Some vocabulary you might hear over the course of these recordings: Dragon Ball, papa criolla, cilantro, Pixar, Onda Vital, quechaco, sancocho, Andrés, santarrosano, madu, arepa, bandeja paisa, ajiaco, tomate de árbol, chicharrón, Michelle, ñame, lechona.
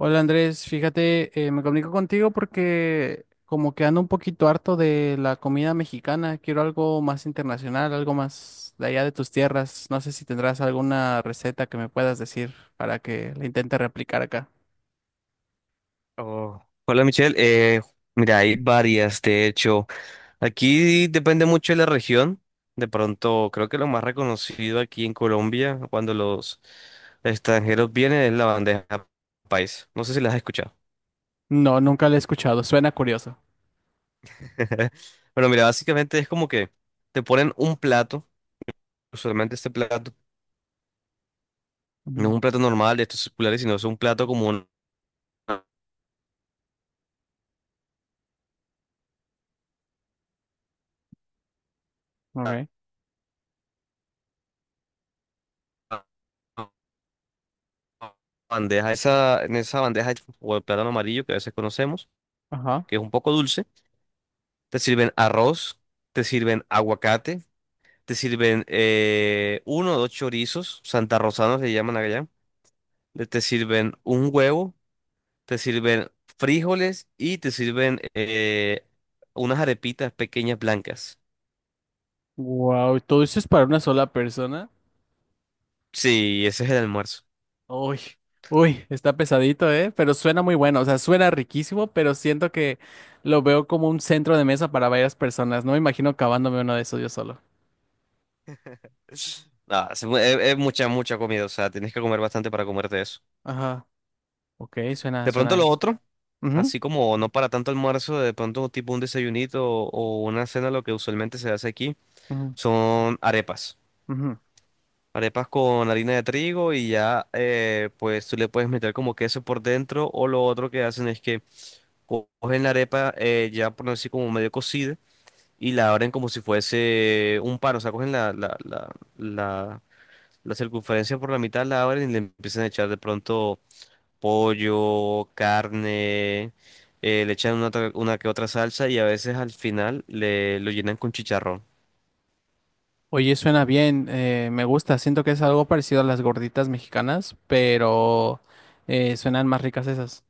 Hola Andrés, fíjate, me comunico contigo porque como que ando un poquito harto de la comida mexicana, quiero algo más internacional, algo más de allá de tus tierras. No sé si tendrás alguna receta que me puedas decir para que la intente replicar acá. Oh, hola Michelle. Mira, hay varias, de hecho. Aquí depende mucho de la región. De pronto, creo que lo más reconocido aquí en Colombia, cuando los extranjeros vienen, es la bandeja país. No sé si las has escuchado. No, nunca la he escuchado, suena curioso. Bueno, mira, básicamente es como que te ponen un plato, usualmente este plato no es Ujú. un plato normal de estos circulares, sino es un plato como una Ok. bandeja, esa, en esa bandeja o el plátano amarillo que a veces conocemos, Ajá. que es un poco dulce. Te sirven arroz, te sirven aguacate, te sirven uno o dos chorizos, santarrosanos le llaman allá, te sirven un huevo, te sirven frijoles y te sirven unas arepitas pequeñas blancas. Wow, ¿todo eso es para una sola persona? Sí, ese es el almuerzo. Uy, uy, está pesadito, ¿eh? Pero suena muy bueno, o sea, suena riquísimo, pero siento que lo veo como un centro de mesa para varias personas. No me imagino acabándome uno de esos yo solo. Es- es mucha, mucha comida, o sea, tienes que comer bastante para comerte eso. Ajá, ok, suena, De pronto suena. lo otro, Ujú, así como no para tanto almuerzo, de pronto tipo un desayunito o una cena, lo que usualmente se hace aquí ujú, son arepas. ujú. Arepas con harina de trigo y ya, pues tú le puedes meter como queso por dentro o lo otro que hacen es que cogen la arepa ya por así como medio cocida y la abren como si fuese un pan, o sea, cogen la, la circunferencia por la mitad, la abren y le empiezan a echar de pronto pollo, carne, le echan una que otra salsa y a veces al final le lo llenan con chicharrón. Oye, suena bien, me gusta, siento que es algo parecido a las gorditas mexicanas, pero suenan más ricas esas.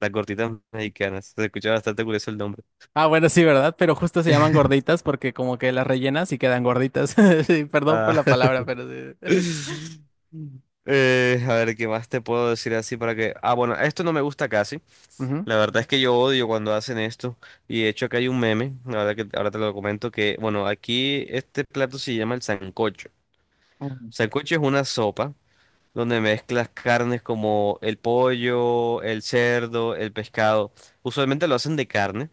Las gorditas mexicanas, se escucha bastante curioso el nombre. Ah, bueno, sí, ¿verdad? Pero justo se llaman gorditas porque como que las rellenas y quedan gorditas. Sí, perdón por Ah. la palabra, pero sí. A ver, ¿qué más te puedo decir así para que... Ah, bueno, esto no me gusta casi. Ujú. La verdad es que yo odio cuando hacen esto. Y de hecho acá hay un meme, la verdad que ahora te lo comento, que, bueno, aquí este plato se llama el sancocho. Ujú. Sancocho es una sopa donde mezclas carnes como el pollo, el cerdo, el pescado. Usualmente lo hacen de carne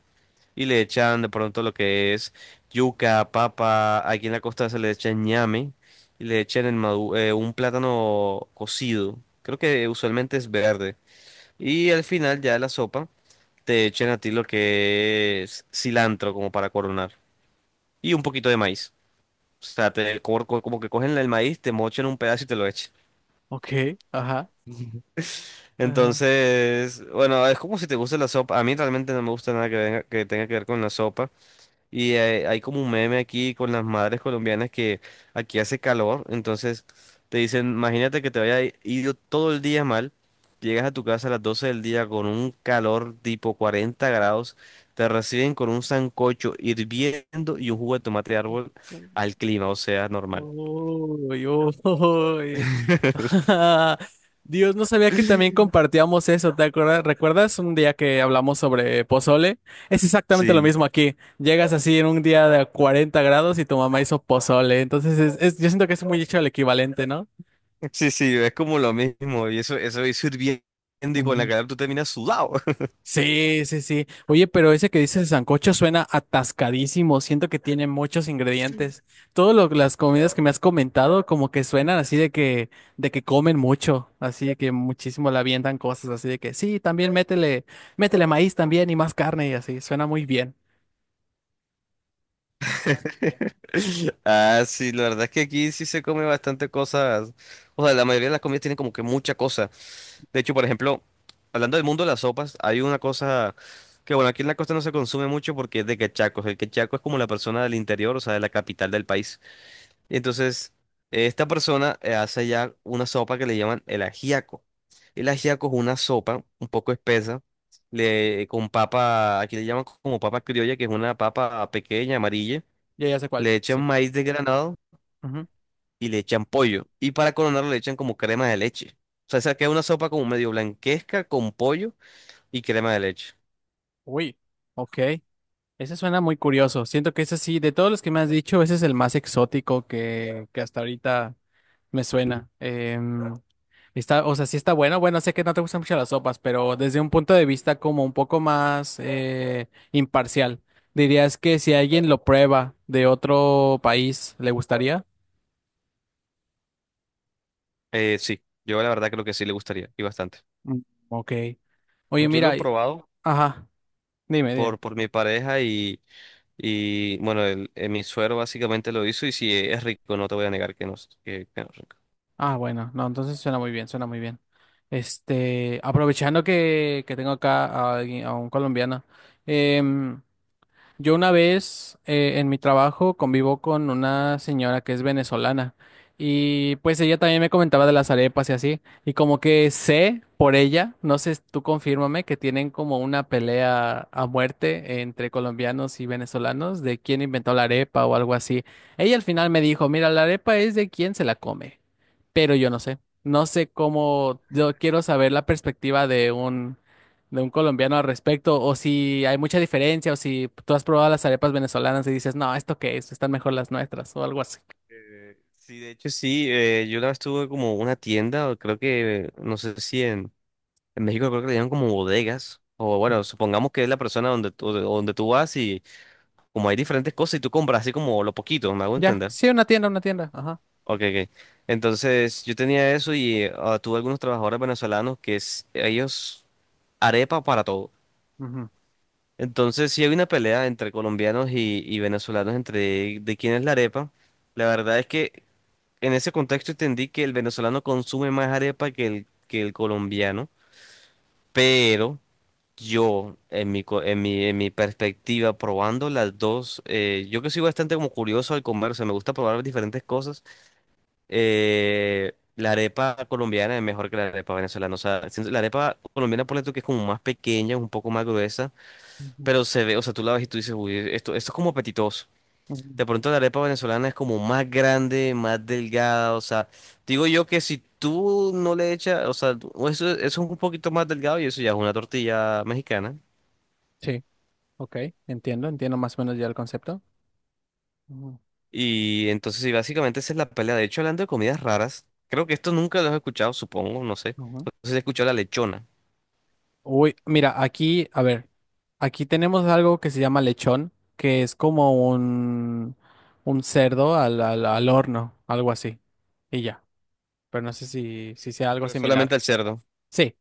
y le echan de pronto lo que es yuca, papa, aquí en la costa se le echan ñame y le echan un plátano cocido, creo que usualmente es verde, y al final ya de la sopa te echan a ti lo que es cilantro como para coronar y un poquito de maíz. O sea, te, como, como que cogen el maíz, te mochan un pedazo y te lo echan. Ok, ajá. Ajá. Entonces, bueno, es como si te gusta la sopa. A mí realmente no me gusta nada que tenga que ver con la sopa. Y hay como un meme aquí con las madres colombianas que aquí hace calor, entonces te dicen, imagínate que te haya ido todo el día mal, llegas a tu casa a las 12 del día con un calor tipo 40 grados, te reciben con un sancocho hirviendo y un jugo de tomate de árbol al clima, o sea, normal. Uy, uy. Dios, no sabía que también compartíamos eso, ¿te acuerdas? ¿Recuerdas un día que hablamos sobre pozole? Es exactamente lo Sí, mismo aquí. Llegas así en un día de 40 grados y tu mamá hizo pozole, entonces yo siento que es muy hecho el equivalente, ¿no? sí, sí, es como lo mismo, y eso es hirviendo y con la calor tú terminas sudado. Sí, sí, sí. Oye, pero ese que dices de sancocho suena atascadísimo. Siento que tiene muchos ingredientes. Todas las comidas que me has comentado como que suenan así de que comen mucho, así de que muchísimo le avientan cosas, así de que sí, también métele, métele maíz también y más carne y así. Suena muy bien. Ah, sí, la verdad es que aquí sí se come bastante cosas. O sea, la mayoría de las comidas tienen como que mucha cosa. De hecho, por ejemplo, hablando del mundo de las sopas, hay una cosa que, bueno, aquí en la costa no se consume mucho porque es de quechacos. El quechaco es como la persona del interior, o sea, de la capital del país. Y entonces, esta persona hace ya una sopa que le llaman el ajiaco. El ajiaco es una sopa un poco espesa. Con papa, aquí le llaman como papa criolla, que es una papa pequeña, amarilla, Ya, ya sé le cuál. echan Sí. maíz desgranado Ujú. y le echan pollo. Y para coronarlo le echan como crema de leche. O sea, esa queda una sopa como medio blanquesca con pollo y crema de leche. Uy, ok. Ese suena muy curioso. Siento que ese sí, de todos los que me has dicho, ese es el más exótico que hasta ahorita me suena. Está, o sea, sí está bueno. Bueno, sé que no te gustan mucho las sopas, pero desde un punto de vista como un poco más imparcial, dirías que si alguien lo prueba de otro país, ¿le gustaría? Sí, yo la verdad creo que sí le gustaría y bastante. Mm, ok. Oye, Yo lo he mira, y- probado ajá, dime, dime. Por mi pareja y bueno, mi suero básicamente lo hizo y sí, es rico, no te voy a negar que no, que no es rico. Ah, bueno, no, entonces suena muy bien, suena muy bien. Este, aprovechando que tengo acá a alguien, a un colombiano, em, yo una vez en mi trabajo convivo con una señora que es venezolana y pues ella también me comentaba de las arepas y así y como que sé por ella, no sé, tú confírmame que tienen como una pelea a muerte entre colombianos y venezolanos de quién inventó la arepa o algo así. Ella al final me dijo, mira, la arepa es de quién se la come, pero yo no sé, no sé cómo, yo quiero saber la perspectiva de un colombiano al respecto, o si hay mucha diferencia, o si tú has probado las arepas venezolanas y dices, no, ¿esto qué es? Están mejor las nuestras, o algo así. Sí, de hecho sí, yo la vez tuve como una tienda, o creo que, no sé si en... En México creo que le llaman como bodegas. O bueno, supongamos que es la persona donde tú vas y como hay diferentes cosas y tú compras así como lo poquito, me hago Ya, entender. sí, una tienda, una tienda. Ajá. Ok, ok. Entonces yo tenía eso y tuve algunos trabajadores venezolanos que es, ellos arepa para todo. Ujú, Entonces sí hay una pelea entre colombianos y venezolanos entre de quién es la arepa. La verdad es que en ese contexto entendí que el venezolano consume más arepa que que el colombiano, pero... Yo, en mi perspectiva, probando las dos, yo que soy bastante como curioso al comer, o sea, me gusta probar diferentes cosas. La arepa colombiana es mejor que la arepa venezolana. O sea, siento- la arepa colombiana, ponle tú que es como más pequeña, un poco más gruesa, ujú, pero se ve, o sea, tú la ves y tú dices, uy, esto es como apetitoso. ujú. De pronto la arepa venezolana es como más grande, más delgada, o sea, digo yo que si tú no le echas, o sea, eso, eso es un poquito más delgado y eso ya es una tortilla mexicana. Sí, ok, entiendo, entiendo más o menos ya el concepto. Ujú, Y entonces, sí, básicamente esa es la pelea. De hecho, hablando de comidas raras, creo que esto nunca lo has escuchado, supongo, no sé. ujú. No sé si has escuchado la lechona, Uy, mira, aquí, a ver, aquí tenemos algo que se llama lechón, que es como un cerdo al, al horno, algo así. Y ya, pero no sé si, si sea algo pero es solamente similar. al cerdo. Sí,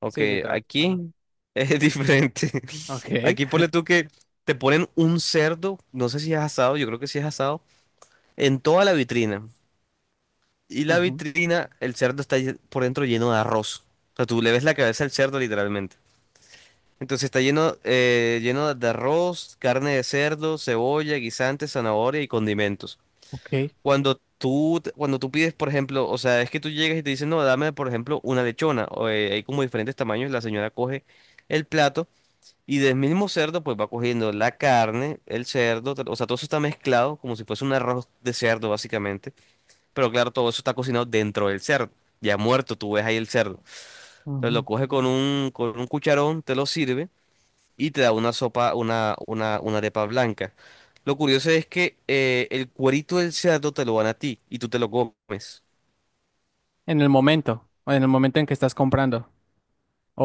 Ok, sí, literal. Ajá. aquí es diferente. Okay. Aquí ponle tú que te ponen un cerdo, no sé si es asado, yo creo que sí es asado, en toda la vitrina. Y la Ujú. vitrina, el cerdo está por dentro lleno de arroz. O sea, tú le ves la cabeza al cerdo literalmente. Entonces está lleno, lleno de arroz, carne de cerdo, cebolla, guisantes, zanahoria y condimentos. Ok. Cuando tú pides, por ejemplo, o sea, es que tú llegas y te dicen, no, dame, por ejemplo, una lechona. O, hay como diferentes tamaños, la señora coge el plato y del mismo cerdo, pues va cogiendo la carne, o sea, todo eso está mezclado como si fuese un arroz de cerdo, básicamente. Pero claro, todo eso está cocinado dentro del cerdo. Ya muerto, tú ves ahí el cerdo. Entonces Ujú. lo coge con con un cucharón, te lo sirve y te da una sopa, una arepa blanca. Lo curioso es que el cuerito del cerdo te lo dan a ti y tú te lo comes. En el momento, o en el momento en que estás comprando.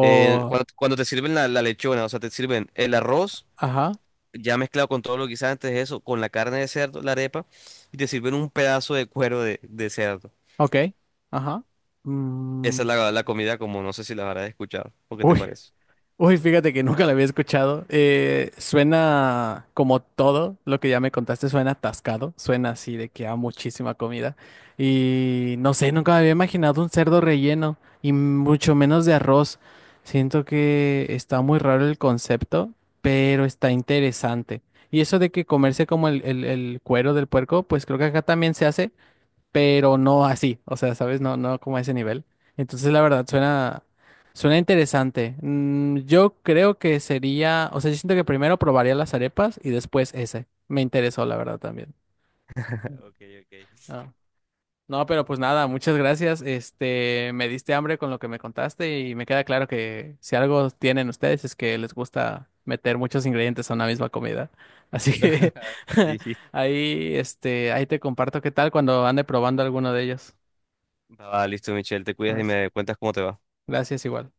Cuando te sirven la lechona, o sea, te sirven el arroz ajá, ya mezclado con todo lo que hice antes de eso, con la carne de cerdo, la arepa, y te sirven un pedazo de cuero de cerdo. ok, ajá. Mm, Esa es la comida como no sé si la habrás escuchado. ¿O qué te uy, parece? uy, fíjate que nunca la había escuchado. Suena como todo lo que ya me contaste, suena atascado, suena así de que hay muchísima comida. Y no sé, nunca me había imaginado un cerdo relleno y mucho menos de arroz. Siento que está muy raro el concepto, pero está interesante. Y eso de que comerse como el, el cuero del puerco, pues creo que acá también se hace pero no así, o sea, ¿sabes? No, no como a ese nivel. Entonces, la verdad, suena, suena interesante. Mm, yo creo que sería, o sea, yo siento que primero probaría las arepas y después ese. Me interesó, la verdad, también. Ok, ok. Ah, no, pero pues nada, muchas gracias. Este, me diste hambre con lo que me contaste y me queda claro que si algo tienen ustedes es que les gusta meter muchos ingredientes a una misma comida. Así que Sí. ahí, este, ahí te comparto qué tal cuando ande probando alguno de ellos. Va, listo, Michelle, te cuidas y me cuentas cómo te va. Gracias igual.